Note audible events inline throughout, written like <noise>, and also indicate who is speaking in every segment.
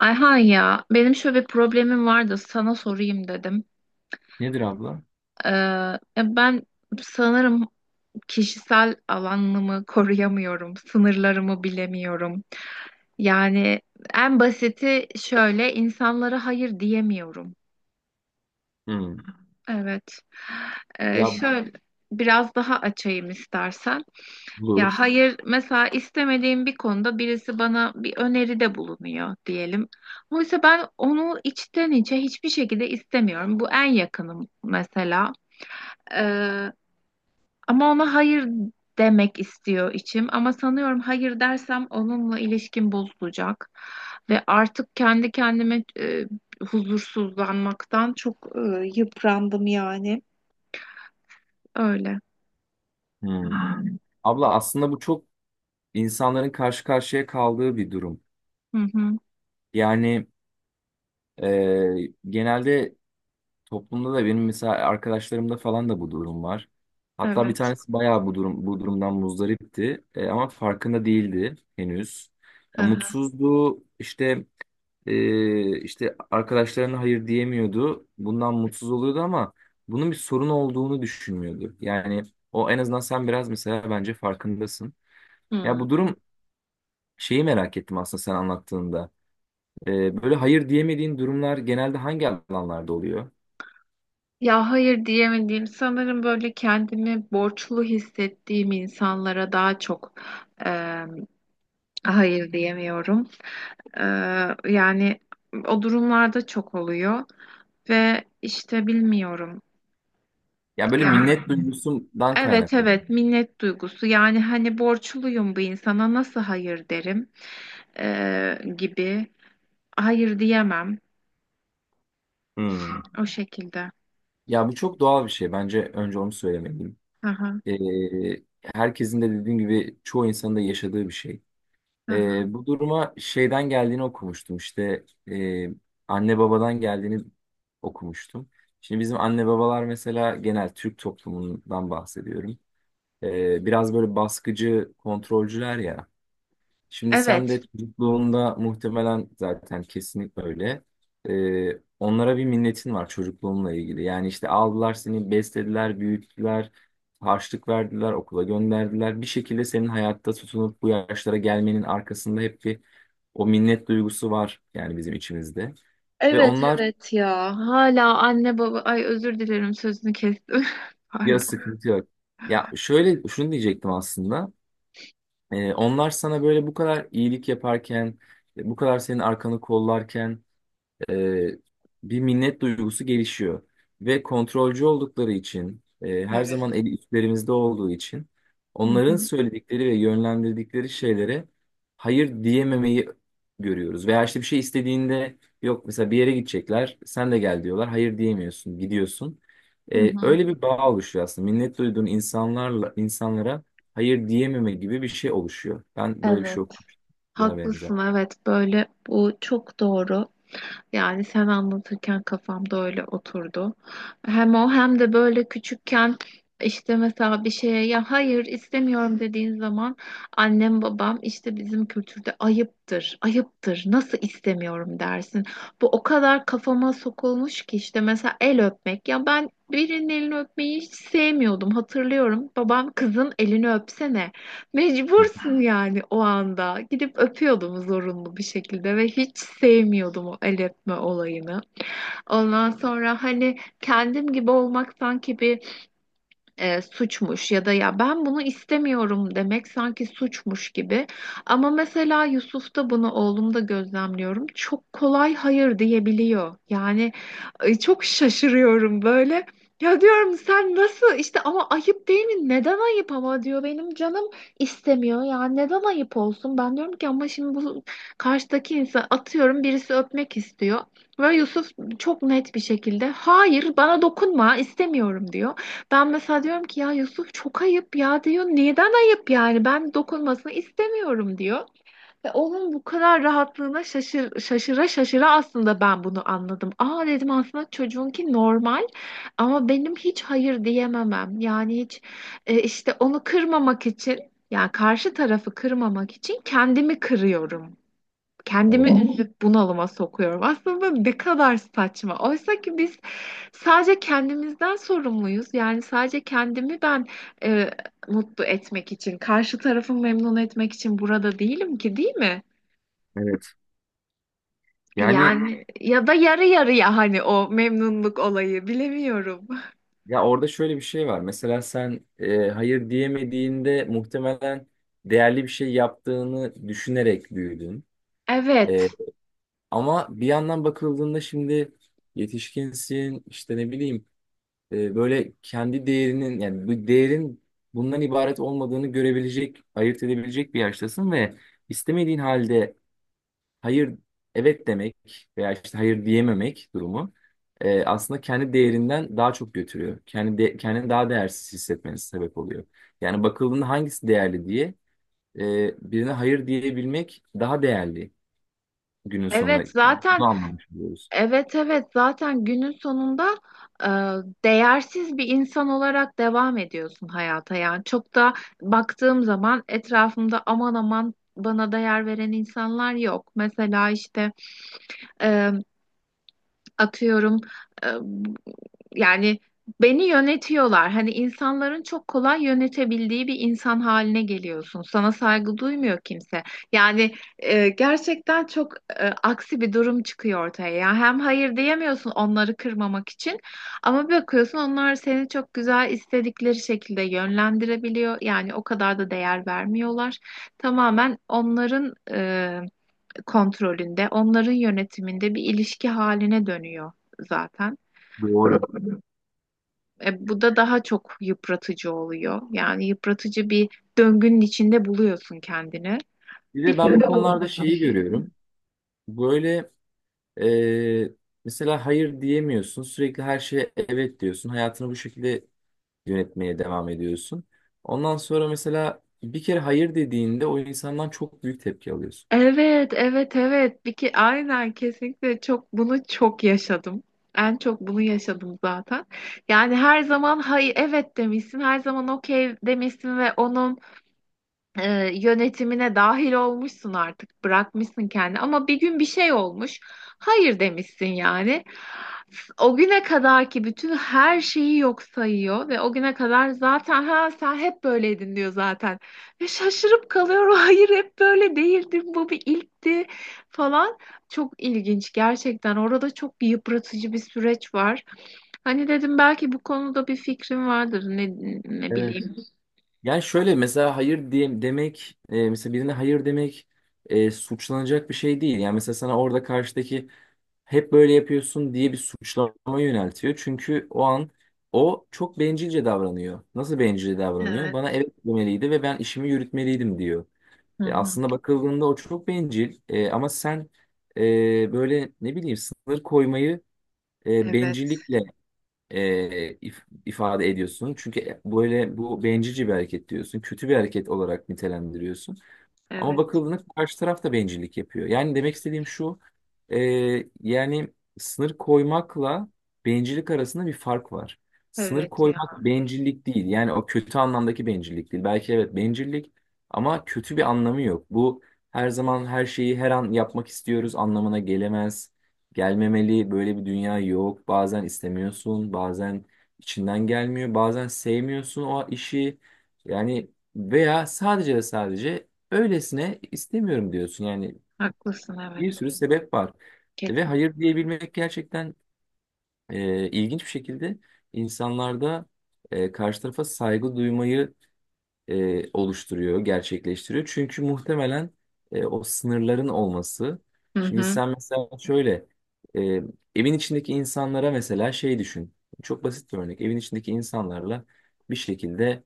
Speaker 1: Ayhan ya benim şöyle bir problemim vardı sana sorayım dedim.
Speaker 2: Nedir abla?
Speaker 1: Ya ben sanırım kişisel alanımı koruyamıyorum, sınırlarımı bilemiyorum. Yani en basiti şöyle insanlara hayır diyemiyorum.
Speaker 2: Hmm.
Speaker 1: Evet. Ee,
Speaker 2: Ya
Speaker 1: şöyle biraz daha açayım istersen. Ya
Speaker 2: bulur.
Speaker 1: hayır, mesela istemediğim bir konuda birisi bana bir öneride bulunuyor diyelim. Oysa ben onu içten içe hiçbir şekilde istemiyorum. Bu en yakınım mesela. Ee, Ama ona hayır demek istiyor içim. Ama sanıyorum hayır dersem onunla ilişkim bozulacak. Ve artık kendi kendime huzursuzlanmaktan çok yıprandım yani. Öyle.
Speaker 2: Hmm. Abla aslında bu çok insanların karşı karşıya kaldığı bir durum.
Speaker 1: Hı hı,
Speaker 2: Yani genelde toplumda da benim mesela arkadaşlarımda falan da bu durum var. Hatta bir
Speaker 1: evet.
Speaker 2: tanesi bayağı bu durumdan muzdaripti. Ama farkında değildi henüz.
Speaker 1: Hı
Speaker 2: Ya,
Speaker 1: hı.
Speaker 2: mutsuzdu işte. İşte arkadaşlarına hayır diyemiyordu. Bundan mutsuz oluyordu ama bunun bir sorun olduğunu düşünmüyordu. Yani o en azından sen biraz mesela bence farkındasın. Ya
Speaker 1: Hı.
Speaker 2: bu durum şeyi merak ettim aslında sen anlattığında. Böyle hayır diyemediğin durumlar genelde hangi alanlarda oluyor?
Speaker 1: Ya hayır diyemediğim sanırım böyle kendimi borçlu hissettiğim insanlara daha çok eee, hayır diyemiyorum. Eee, Yani o durumlarda çok oluyor ve işte bilmiyorum.
Speaker 2: Ya böyle
Speaker 1: Yani
Speaker 2: minnet duygusundan
Speaker 1: evet
Speaker 2: kaynaklı.
Speaker 1: evet minnet duygusu yani hani borçluyum bu insana nasıl hayır derim gibi hayır diyemem
Speaker 2: Hmm.
Speaker 1: o şekilde.
Speaker 2: Ya bu çok doğal bir şey. Bence önce onu söylemeliyim.
Speaker 1: Aha,
Speaker 2: Ee, Herkesin de dediğim gibi çoğu insanın da yaşadığı bir şey.
Speaker 1: aha.
Speaker 2: Bu duruma şeyden geldiğini okumuştum, İşte e, anne babadan geldiğini okumuştum. Şimdi bizim anne babalar mesela genel Türk toplumundan bahsediyorum. Biraz böyle baskıcı, kontrolcüler ya. Şimdi sen
Speaker 1: Evet.
Speaker 2: de çocukluğunda muhtemelen zaten kesinlikle öyle. Onlara bir minnetin var çocukluğunla ilgili. Yani işte aldılar seni, beslediler, büyüttüler, harçlık verdiler, okula gönderdiler. Bir şekilde senin hayatta tutunup bu yaşlara gelmenin arkasında hep bir o minnet duygusu var yani bizim içimizde. Ve
Speaker 1: Evet
Speaker 2: onlar
Speaker 1: evet ya. Hala anne baba ay özür dilerim sözünü kestim. <laughs>
Speaker 2: ya,
Speaker 1: Pardon.
Speaker 2: sıkıntı yok. Ya şöyle şunu diyecektim aslında. Onlar sana böyle bu kadar iyilik yaparken, bu kadar senin arkanı kollarken e, bir minnet duygusu gelişiyor. Ve kontrolcü oldukları için, her
Speaker 1: Evet.
Speaker 2: zaman eli üstlerimizde olduğu için
Speaker 1: Hı
Speaker 2: onların
Speaker 1: hı,
Speaker 2: söyledikleri ve yönlendirdikleri şeylere hayır diyememeyi görüyoruz. Veya işte bir şey istediğinde yok mesela bir yere gidecekler, sen de gel diyorlar, hayır diyemiyorsun, gidiyorsun.
Speaker 1: hı hı.
Speaker 2: Öyle bir bağ oluşuyor aslında. Minnet duyduğun insanlara hayır diyememe gibi bir şey oluşuyor. Ben böyle bir
Speaker 1: Evet.
Speaker 2: şey okumuştum buna benzer.
Speaker 1: Haklısın evet böyle bu çok doğru. Yani sen anlatırken kafamda öyle oturdu. Hem o hem de böyle küçükken işte mesela bir şeye ya hayır istemiyorum dediğin zaman annem babam işte bizim kültürde ayıptır, ayıptır nasıl istemiyorum dersin. Bu o kadar kafama sokulmuş ki işte mesela el öpmek ya ben birinin elini öpmeyi hiç sevmiyordum hatırlıyorum. Babam kızın elini öpsene.
Speaker 2: Hı.
Speaker 1: Mecbursun yani o anda. Gidip öpüyordum zorunlu bir şekilde ve hiç sevmiyordum o el öpme olayını. Ondan sonra hani kendim gibi olmak sanki bir suçmuş ya da ya ben bunu istemiyorum demek sanki suçmuş gibi. Ama mesela Yusuf'ta bunu oğlumda gözlemliyorum. Çok kolay hayır diyebiliyor. Yani ay, çok şaşırıyorum böyle. Ya diyorum sen nasıl işte ama ayıp değil mi? Neden ayıp ama diyor benim canım istemiyor. Ya neden ayıp olsun? Ben diyorum ki ama şimdi bu karşıdaki insan atıyorum birisi öpmek istiyor. Ve Yusuf çok net bir şekilde hayır bana dokunma istemiyorum diyor. Ben mesela diyorum ki ya Yusuf çok ayıp ya diyor. Neden ayıp yani? Ben dokunmasını istemiyorum diyor. Ve onun bu kadar rahatlığına şaşıra şaşıra aslında ben bunu anladım. Aa dedim aslında çocuğunki normal ama benim hiç hayır diyememem. Yani hiç işte onu kırmamak için yani karşı tarafı kırmamak için kendimi kırıyorum.
Speaker 2: Evet.
Speaker 1: Kendimi üzüp bunalıma sokuyorum. Aslında ne kadar saçma. Oysa ki biz sadece kendimizden sorumluyuz. Yani sadece kendimi ben e, mutlu etmek için, karşı tarafı memnun etmek için burada değilim ki, değil mi?
Speaker 2: Evet. Yani.
Speaker 1: Yani ya da yarı yarıya hani o memnunluk olayı bilemiyorum.
Speaker 2: Ya orada şöyle bir şey var. Mesela sen hayır diyemediğinde muhtemelen değerli bir şey yaptığını düşünerek büyüdün.
Speaker 1: Evet,
Speaker 2: E, Ama bir yandan bakıldığında şimdi yetişkinsin, işte ne bileyim, böyle kendi değerinin yani bu değerin bundan ibaret olmadığını görebilecek, ayırt edebilecek bir yaştasın ve istemediğin halde hayır evet demek veya işte hayır diyememek durumu aslında kendi değerinden daha çok götürüyor. Kendini daha değersiz hissetmeniz sebep oluyor. Yani bakıldığında hangisi değerli diye, birine hayır diyebilmek daha değerli, günün sonunda
Speaker 1: evet zaten
Speaker 2: bunu anlamış oluyoruz.
Speaker 1: evet evet zaten günün sonunda e, değersiz bir insan olarak devam ediyorsun hayata. Yani çok da baktığım zaman etrafımda aman aman bana değer veren insanlar yok. Mesela işte. e, Atıyorum e, yani beni yönetiyorlar. Hani insanların çok kolay yönetebildiği bir insan haline geliyorsun. Sana saygı duymuyor kimse. Yani gerçekten çok aksi bir durum çıkıyor ortaya. Ya hem hayır diyemiyorsun onları kırmamak için ama bir bakıyorsun onlar seni çok güzel istedikleri şekilde yönlendirebiliyor. Yani o kadar da değer vermiyorlar. Tamamen onların kontrolünde, onların yönetiminde bir ilişki haline dönüyor zaten.
Speaker 2: Doğru.
Speaker 1: Bu da daha çok yıpratıcı oluyor. Yani yıpratıcı bir döngünün içinde buluyorsun kendini.
Speaker 2: Bir de ben bu
Speaker 1: Bilmiyorum.
Speaker 2: konularda şeyi görüyorum. Böyle, e, mesela hayır diyemiyorsun. Sürekli her şeye evet diyorsun. Hayatını bu şekilde yönetmeye devam ediyorsun. Ondan sonra mesela bir kere hayır dediğinde o insandan çok büyük tepki alıyorsun.
Speaker 1: Evet, evet, evet. Bir ki aynen kesinlikle bunu çok yaşadım. En çok bunu yaşadım zaten. Yani her zaman hayır evet demişsin, her zaman okey demişsin ve onun yönetimine dahil olmuşsun artık bırakmışsın kendi ama bir gün bir şey olmuş hayır demişsin yani o güne kadar ki bütün her şeyi yok sayıyor ve o güne kadar zaten ha sen hep böyleydin diyor zaten ve şaşırıp kalıyorum <laughs> hayır hep böyle değildim bu bir ilkti falan çok ilginç gerçekten orada bir yıpratıcı bir süreç var hani dedim belki bu konuda bir fikrim vardır ne
Speaker 2: Evet.
Speaker 1: bileyim
Speaker 2: Yani şöyle, mesela hayır diye demek, mesela birine hayır demek, suçlanacak bir şey değil. Yani mesela sana orada karşıdaki hep böyle yapıyorsun diye bir suçlama yöneltiyor. Çünkü o an o çok bencilce davranıyor. Nasıl bencilce davranıyor? Bana
Speaker 1: evet.
Speaker 2: evet demeliydi ve ben işimi yürütmeliydim diyor.
Speaker 1: Hı hı.
Speaker 2: Aslında bakıldığında o çok bencil. Ama sen, böyle ne bileyim, sınır koymayı,
Speaker 1: Evet
Speaker 2: bencillikle, ifade ediyorsun. Çünkü, böyle bu bencilce bir hareket diyorsun. Kötü bir hareket olarak nitelendiriyorsun. Ama
Speaker 1: evet.
Speaker 2: bakıldığında karşı taraf da bencillik yapıyor. Yani demek istediğim şu, e, yani sınır koymakla bencillik arasında bir fark var. Sınır
Speaker 1: Evet ya,
Speaker 2: koymak bencillik değil. Yani o kötü anlamdaki bencillik değil. Belki evet bencillik, ama kötü bir anlamı yok. Bu, her zaman her şeyi her an yapmak istiyoruz anlamına gelemez. Gelmemeli. Böyle bir dünya yok. Bazen istemiyorsun, bazen içinden gelmiyor, bazen sevmiyorsun o işi. Yani, veya sadece ve sadece öylesine istemiyorum diyorsun. Yani
Speaker 1: haklısın,
Speaker 2: bir
Speaker 1: evet
Speaker 2: sürü sebep var. Ve
Speaker 1: kesin.
Speaker 2: hayır diyebilmek gerçekten, ilginç bir şekilde insanlarda, karşı tarafa saygı duymayı, oluşturuyor, gerçekleştiriyor. Çünkü muhtemelen, o sınırların olması.
Speaker 1: Hı
Speaker 2: Şimdi
Speaker 1: hı.
Speaker 2: sen mesela şöyle, e, evin içindeki insanlara mesela şey düşün. Çok basit bir örnek. Evin içindeki insanlarla bir şekilde,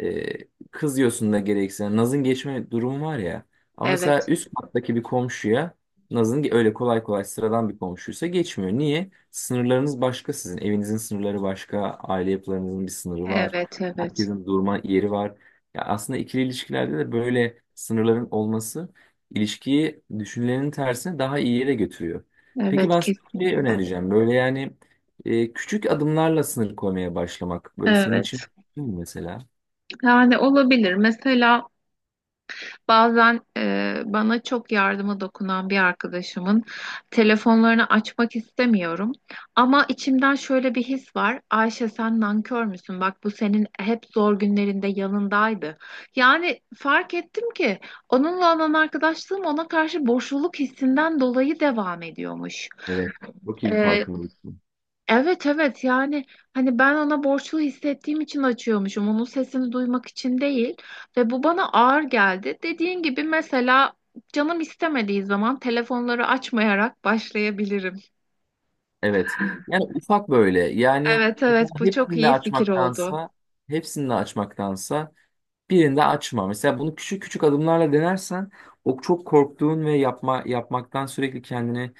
Speaker 2: e, kızıyorsun da gerekirse. Naz'ın geçme durumu var ya. Ama
Speaker 1: Evet
Speaker 2: mesela üst kattaki bir komşuya öyle kolay kolay, sıradan bir komşuysa geçmiyor. Niye? Sınırlarınız başka sizin. Evinizin sınırları başka. Aile yapılarınızın bir sınırı var.
Speaker 1: evet evet
Speaker 2: Herkesin durma yeri var. Ya aslında ikili ilişkilerde de böyle sınırların olması, ilişkiyi düşünülenin tersine daha iyi yere götürüyor. Peki
Speaker 1: evet
Speaker 2: ben sana bir şey
Speaker 1: kesinlikle.
Speaker 2: önereceğim. Böyle yani, küçük adımlarla sınır koymaya başlamak, böyle senin için
Speaker 1: Evet
Speaker 2: mümkün mü mesela?
Speaker 1: yani olabilir mesela bazen bana çok yardıma dokunan bir arkadaşımın telefonlarını açmak istemiyorum ama içimden şöyle bir his var Ayşe sen nankör müsün bak bu senin hep zor günlerinde yanındaydı yani fark ettim ki onunla olan arkadaşlığım ona karşı boşluluk hissinden dolayı devam ediyormuş.
Speaker 2: Evet. Çok iyi bir
Speaker 1: Ee,
Speaker 2: farkındalık bu.
Speaker 1: evet evet yani hani ben ona borçlu hissettiğim için açıyormuşum onun sesini duymak için değil ve bu bana ağır geldi. Dediğin gibi mesela canım istemediği zaman telefonları açmayarak başlayabilirim.
Speaker 2: Evet. Yani ufak böyle. Yani
Speaker 1: Evet
Speaker 2: mesela
Speaker 1: evet bu çok iyi fikir oldu.
Speaker 2: hepsini de açmaktansa birini de açma. Mesela bunu küçük küçük adımlarla denersen, o çok korktuğun ve yapmaktan sürekli kendini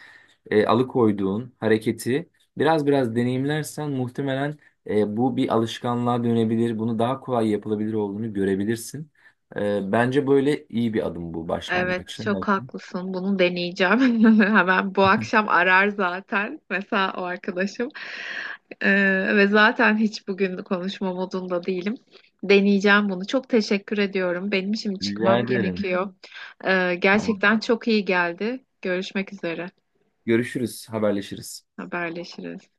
Speaker 2: alıkoyduğun hareketi biraz biraz deneyimlersen muhtemelen, bu bir alışkanlığa dönebilir. Bunu daha kolay yapılabilir olduğunu görebilirsin. Bence böyle iyi bir adım bu
Speaker 1: Evet,
Speaker 2: başlangıç.
Speaker 1: çok haklısın. Bunu deneyeceğim. <laughs> Hemen bu akşam arar zaten. Mesela o arkadaşım. Ve zaten hiç bugün konuşma modunda değilim. Deneyeceğim bunu. Çok teşekkür ediyorum. Benim şimdi
Speaker 2: Rica
Speaker 1: çıkmam <laughs>
Speaker 2: ederim.
Speaker 1: gerekiyor.
Speaker 2: Tamam.
Speaker 1: Gerçekten çok iyi geldi. Görüşmek üzere.
Speaker 2: Görüşürüz, haberleşiriz.
Speaker 1: Haberleşiriz.